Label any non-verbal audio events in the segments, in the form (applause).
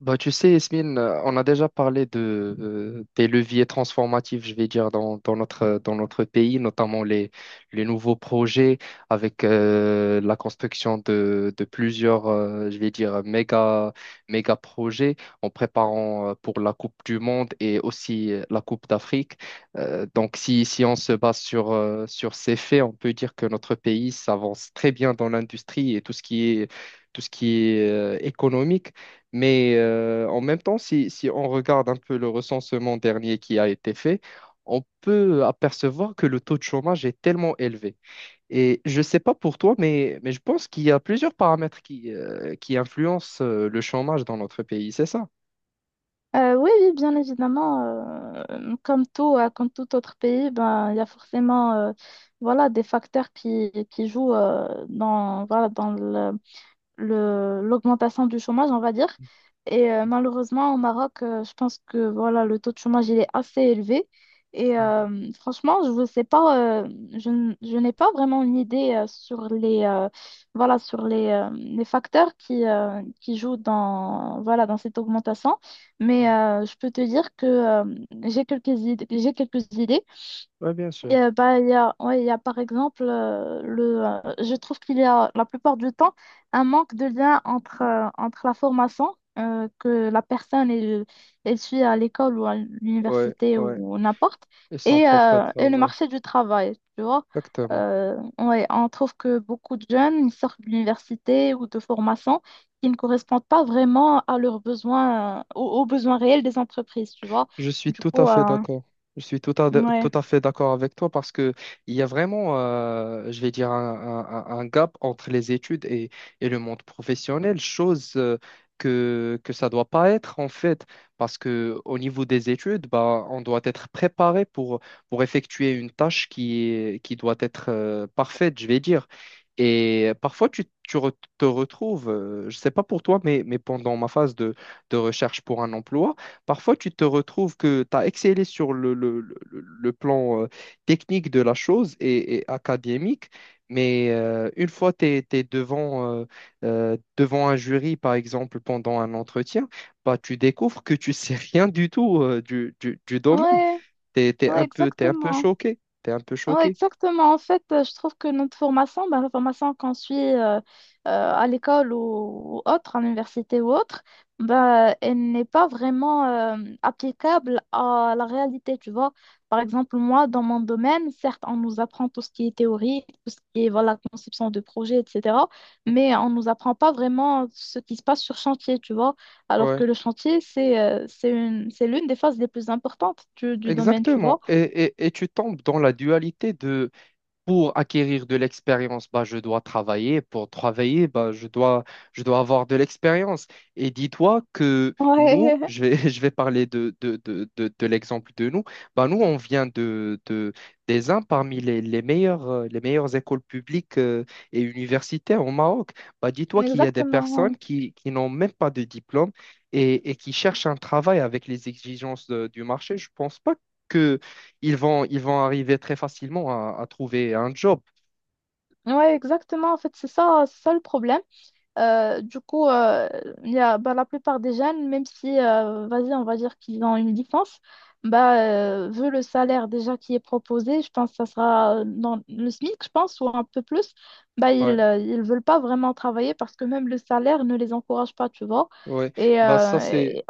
Bah, tu sais, Yasmine, on a déjà parlé des leviers transformatifs, je vais dire, dans notre pays, notamment les nouveaux projets avec la construction de plusieurs, je vais dire, méga projets en préparant pour la Coupe du Monde et aussi la Coupe d'Afrique. Donc, si on se base sur ces faits, on peut dire que notre pays s'avance très bien dans l'industrie et tout ce qui est économique. Mais, en même temps, si on regarde un peu le recensement dernier qui a été fait, on peut apercevoir que le taux de chômage est tellement élevé. Et je ne sais pas pour toi, mais je pense qu'il y a plusieurs paramètres qui influencent le chômage dans notre pays, c'est ça? Oui, bien évidemment, comme tout autre pays, ben, il y a forcément voilà, des facteurs qui jouent dans, voilà, dans l'augmentation du chômage, on va dire. Et malheureusement, au Maroc, je pense que voilà, le taux de chômage il est assez élevé. Et franchement, je ne sais pas, je n'ai pas vraiment une idée voilà, sur les facteurs qui jouent dans, voilà, dans cette augmentation. Mais je peux te dire que j'ai quelques idées Oui, bien sûr. et bah, il y a par exemple, je trouve qu'il y a la plupart du temps un manque de lien entre la formation que la personne elle suit à l'école ou à Ouais, l'université ouais. ou n'importe Et son propre et le travail. marché du travail, tu vois. Exactement. Ouais, on trouve que beaucoup de jeunes ils sortent de l'université ou de formation qui ne correspondent pas vraiment à leurs besoins, aux besoins réels des entreprises, tu vois. Je suis Du tout à coup, fait d'accord. Je suis tout ouais. à fait d'accord avec toi parce que il y a vraiment, je vais dire, un gap entre les études et le monde professionnel, chose que ça doit pas être en fait, parce que au niveau des études, bah, on doit être préparé pour effectuer une tâche qui doit être parfaite, je vais dire. Et parfois, te retrouves, je sais pas pour toi, mais pendant ma phase de recherche pour un emploi. Parfois, tu te retrouves que tu as excellé sur le plan technique de la chose et académique, mais, une fois que tu es, devant un jury, par exemple, pendant un entretien, bah, tu découvres que tu sais (laughs) rien du tout du domaine. Ouais. Tu es, Ouais, un peu, T'es un peu exactement. choqué. T'es un peu Ouais, choqué. exactement. En fait, je trouve que notre formation, ben, la formation qu'on suit à l'école ou autre, à l'université ou autre, ben, elle n'est pas vraiment applicable à la réalité, tu vois. Par exemple, moi, dans mon domaine, certes, on nous apprend tout ce qui est théorie, tout ce qui est voilà, conception de projet, etc. Mais on ne nous apprend pas vraiment ce qui se passe sur chantier, tu vois. Alors que Ouais, le chantier, c'est une, c'est l'une des phases les plus importantes du domaine, tu vois. exactement. Et tu tombes dans la dualité de. Pour acquérir de l'expérience, bah, je dois travailler. Pour travailler, bah, je dois avoir de l'expérience. Et dis-toi que nous, Ouais, (laughs) je vais parler de l'exemple de nous. Bah, nous, on vient des uns parmi les meilleures écoles publiques et universitaires au Maroc. Bah, (laughs) dis-toi qu'il y a des exactement. personnes qui n'ont même pas de diplôme et qui cherchent un travail avec les exigences du marché. Je pense pas que ils vont arriver très facilement à trouver un job. Ouais, exactement. En fait, c'est ça le problème. Du coup, il y a, bah, la plupart des jeunes, même si, vas-y, on va dire qu'ils ont une licence, vu le salaire déjà qui est proposé, je pense que ça sera dans le SMIC, je pense, ou un peu plus, bah, Ouais, ils veulent pas vraiment travailler parce que même le salaire ne les encourage pas, tu vois. ouais. Et, Bah, euh, ça c'est et-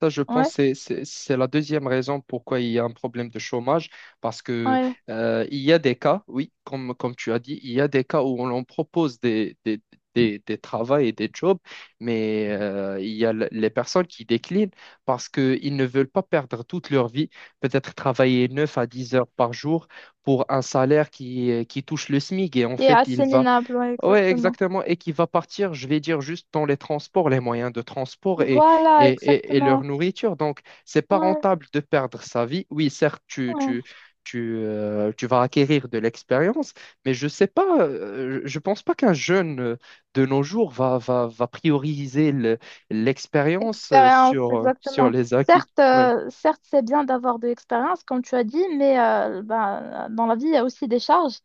ça, je pense, ouais, c'est la deuxième raison pourquoi il y a un problème de chômage, parce que ouais. Il y a des cas, oui, comme tu as dit, il y a des cas où on leur propose des travaux et des jobs, mais, il y a les personnes qui déclinent parce qu'ils ne veulent pas perdre toute leur vie, peut-être travailler 9 à 10 heures par jour pour un salaire qui touche le SMIC et en Et fait, il assez va. minable, ouais, Ouais, exactement. exactement, et qui va partir, je vais dire, juste dans les transports, les moyens de transport Voilà, et, et leur exactement. nourriture. Donc, c'est pas Ouais, rentable de perdre sa vie. Oui, certes, ouais. Tu vas acquérir de l'expérience, mais je sais pas, je pense pas qu'un jeune de nos jours va prioriser l'expérience Expérience, sur exactement. les acquis. Ouais, Certes, c'est bien d'avoir de l'expérience, comme tu as dit, mais ben, dans la vie, il y a aussi des charges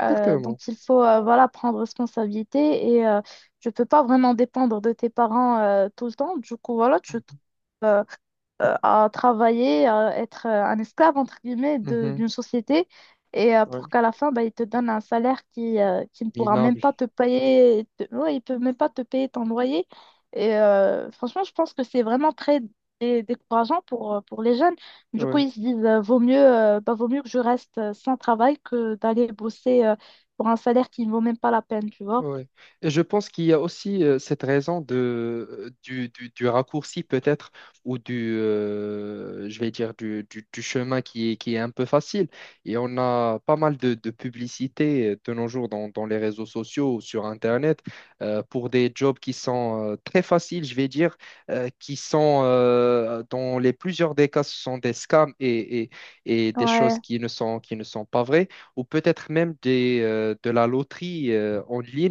dont exactement. il faut voilà, prendre responsabilité et tu ne peux pas vraiment dépendre de tes parents tout le temps. Du coup, voilà, tu trouves à travailler, à être un esclave, entre guillemets, Mhm. d'une société, et Ouais. pour qu'à la fin, bah, il te donne un salaire qui ne pourra même Minable. pas te payer, ouais, il peut même pas te payer ton loyer. Et franchement, je pense que c'est vraiment très décourageant pour les jeunes. Du coup, Ouais. ils se disent, vaut mieux, bah, vaut mieux que je reste sans travail que d'aller bosser pour un salaire qui ne vaut même pas la peine, tu vois. Oui. Et je pense qu'il y a aussi cette raison du raccourci peut-être, ou je vais dire, du chemin qui est un peu facile. Et on a pas mal de publicités de nos jours dans les réseaux sociaux ou sur Internet pour des jobs qui sont très faciles, je vais dire, qui sont, dans les plusieurs des cas, ce sont des scams et des choses Ouais, qui ne sont pas vraies ou peut-être même de la loterie en ligne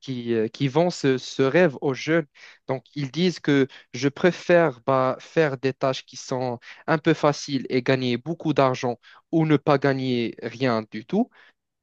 qui vend ce rêve aux jeunes. Donc, ils disent que je préfère bah, faire des tâches qui sont un peu faciles et gagner beaucoup d'argent ou ne pas gagner rien du tout,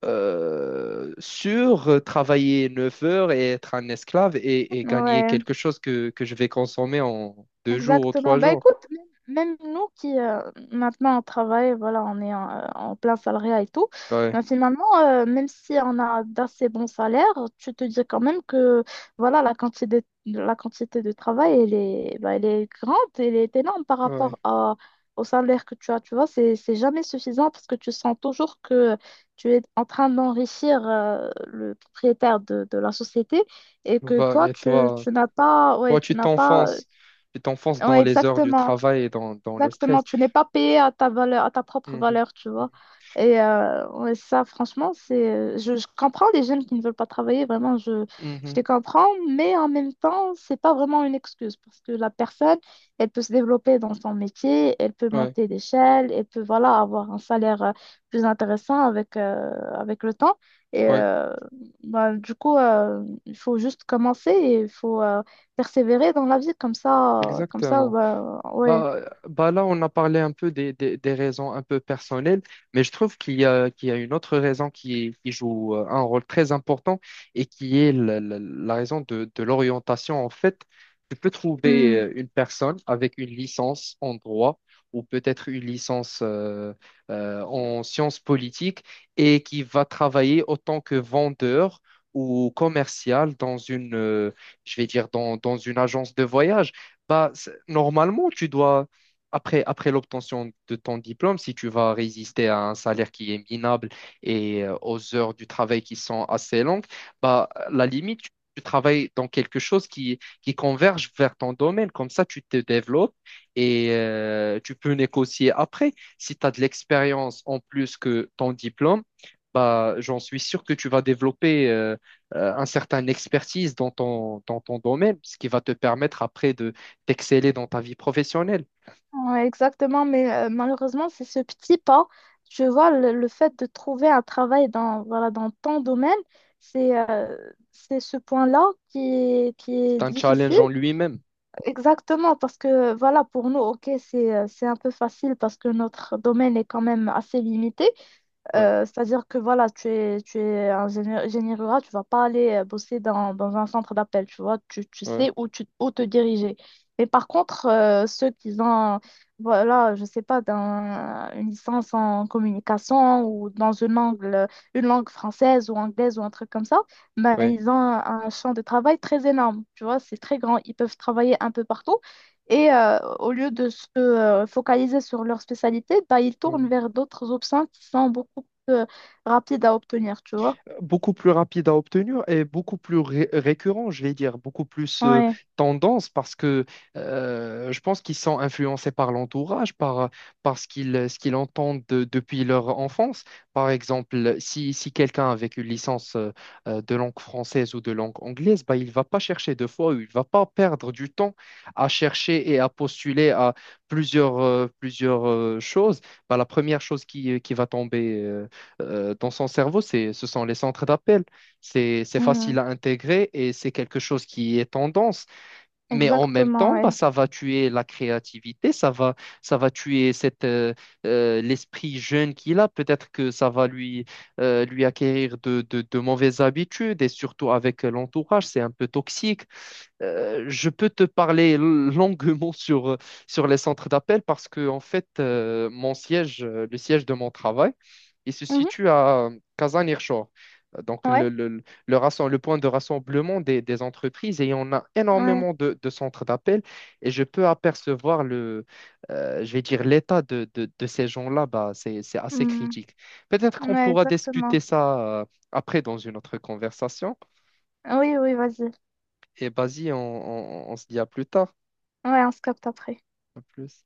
sur travailler 9 heures et être un esclave et gagner ouais. quelque chose que je vais consommer en 2 jours ou Exactement. trois Bah jours. écoute, même nous qui maintenant on travaille, voilà, on est en plein salariat et tout, Ouais, mais finalement, même si on a d'assez bons salaires, tu te dis quand même que voilà, la quantité de travail, elle est, bah, elle est grande, elle est énorme ouais. Au salaire que tu as. Tu vois, c'est jamais suffisant parce que tu sens toujours que tu es en train d'enrichir le propriétaire de la société et que Bah, et toi? tu n'as pas, ouais, Toi, tu n'as pas. Tu t'enfonces dans Ouais, les heures du exactement. travail et dans le Exactement, stress. tu n'es pas payé à ta valeur, à ta propre Mhm. valeur, tu vois. Et ouais, ça, franchement, je comprends les jeunes qui ne veulent pas travailler, vraiment, Mhm. je Mhm. les comprends, mais en même temps, c'est pas vraiment une excuse parce que la personne, elle peut se développer dans son métier, elle peut Ouais, monter d'échelle, elle peut, voilà, avoir un salaire plus intéressant avec, avec le temps. Et ouais, bah, du coup, il faut juste commencer et il faut persévérer dans la vie, comme ça, exactement. bah, ouais. Bah là, on a parlé un peu des raisons un peu personnelles, mais je trouve qu'il y a une autre raison qui joue un rôle très important et qui est la raison de l'orientation. En fait, tu peux trouver Hmm. Une personne avec une licence en droit ou peut-être une licence en sciences politiques et qui va travailler autant que vendeur ou commercial dans une, je vais dire, dans, dans une agence de voyage. Bah, normalement, tu dois, après l'obtention de ton diplôme, si tu vas résister à un salaire qui est minable et, aux heures du travail qui sont assez longues, bah, à la limite, tu travailles dans quelque chose qui converge vers ton domaine. Comme ça, tu te développes et, tu peux négocier après. Si tu as de l'expérience en plus que ton diplôme, bah, j'en suis sûr que tu vas développer un certain expertise dans ton domaine, ce qui va te permettre après d'exceller dans ta vie professionnelle. Ouais, exactement, mais malheureusement, c'est ce petit pas. Tu vois, le fait de trouver un travail dans, voilà, dans ton domaine, c'est euh, c'est ce point-là qui est C'est un challenge difficile. en lui-même. Exactement, parce que voilà, pour nous, ok, c'est un peu facile parce que notre domaine est quand même assez limité, Ouais, c'est-à-dire que voilà, tu es un génie, génie rural, tu vas pas aller bosser dans, dans un centre d'appel, tu vois, tu ouais, sais où te diriger. Mais par contre, ceux qui ont, voilà, je sais pas, une licence en communication ou dans une langue française ou anglaise ou un truc comme ça, ben, ouais. ils ont un champ de travail très énorme, tu vois, c'est très grand, ils peuvent travailler un peu partout. Et au lieu de se focaliser sur leur spécialité, bah, ils tournent Mm. vers d'autres options qui sont beaucoup euh, rapide à obtenir, tu vois. Beaucoup plus rapide à obtenir et beaucoup plus récurrent, je vais dire, beaucoup plus Ouais. tendance parce que, je pense qu'ils sont influencés par l'entourage, par ce qu'ils entendent depuis leur enfance. Par exemple, si quelqu'un avec une licence de langue française ou de langue anglaise, bah, il ne va pas chercher deux fois, ou il ne va pas perdre du temps à chercher et à postuler à plusieurs choses. Bah, la première chose qui va tomber dans son cerveau, ce sont les centres d'appel. C'est Mm, facile à intégrer et c'est quelque chose qui est tendance. Mais en même Exactement, temps, bah, ouais. ça va tuer la créativité, ça va tuer l'esprit jeune qu'il a. Peut-être que ça va lui acquérir de mauvaises habitudes et surtout avec l'entourage, c'est un peu toxique. Je peux te parler longuement sur les centres d'appel parce que, en fait, le siège de mon travail, il se Mhm, situe à Kazan-Irshor. Donc, Ouais, le point de rassemblement des entreprises et on a ouais. énormément de centres d'appel et je peux apercevoir le, je vais dire, l'état de ces gens-là, bah, c'est assez Mm, critique. Peut-être qu'on Ouais, pourra exactement. discuter ça après dans une autre conversation Oui, oui, vas-y. et vas-y, on on se dit à plus tard. Ouais, on se capte après. À plus.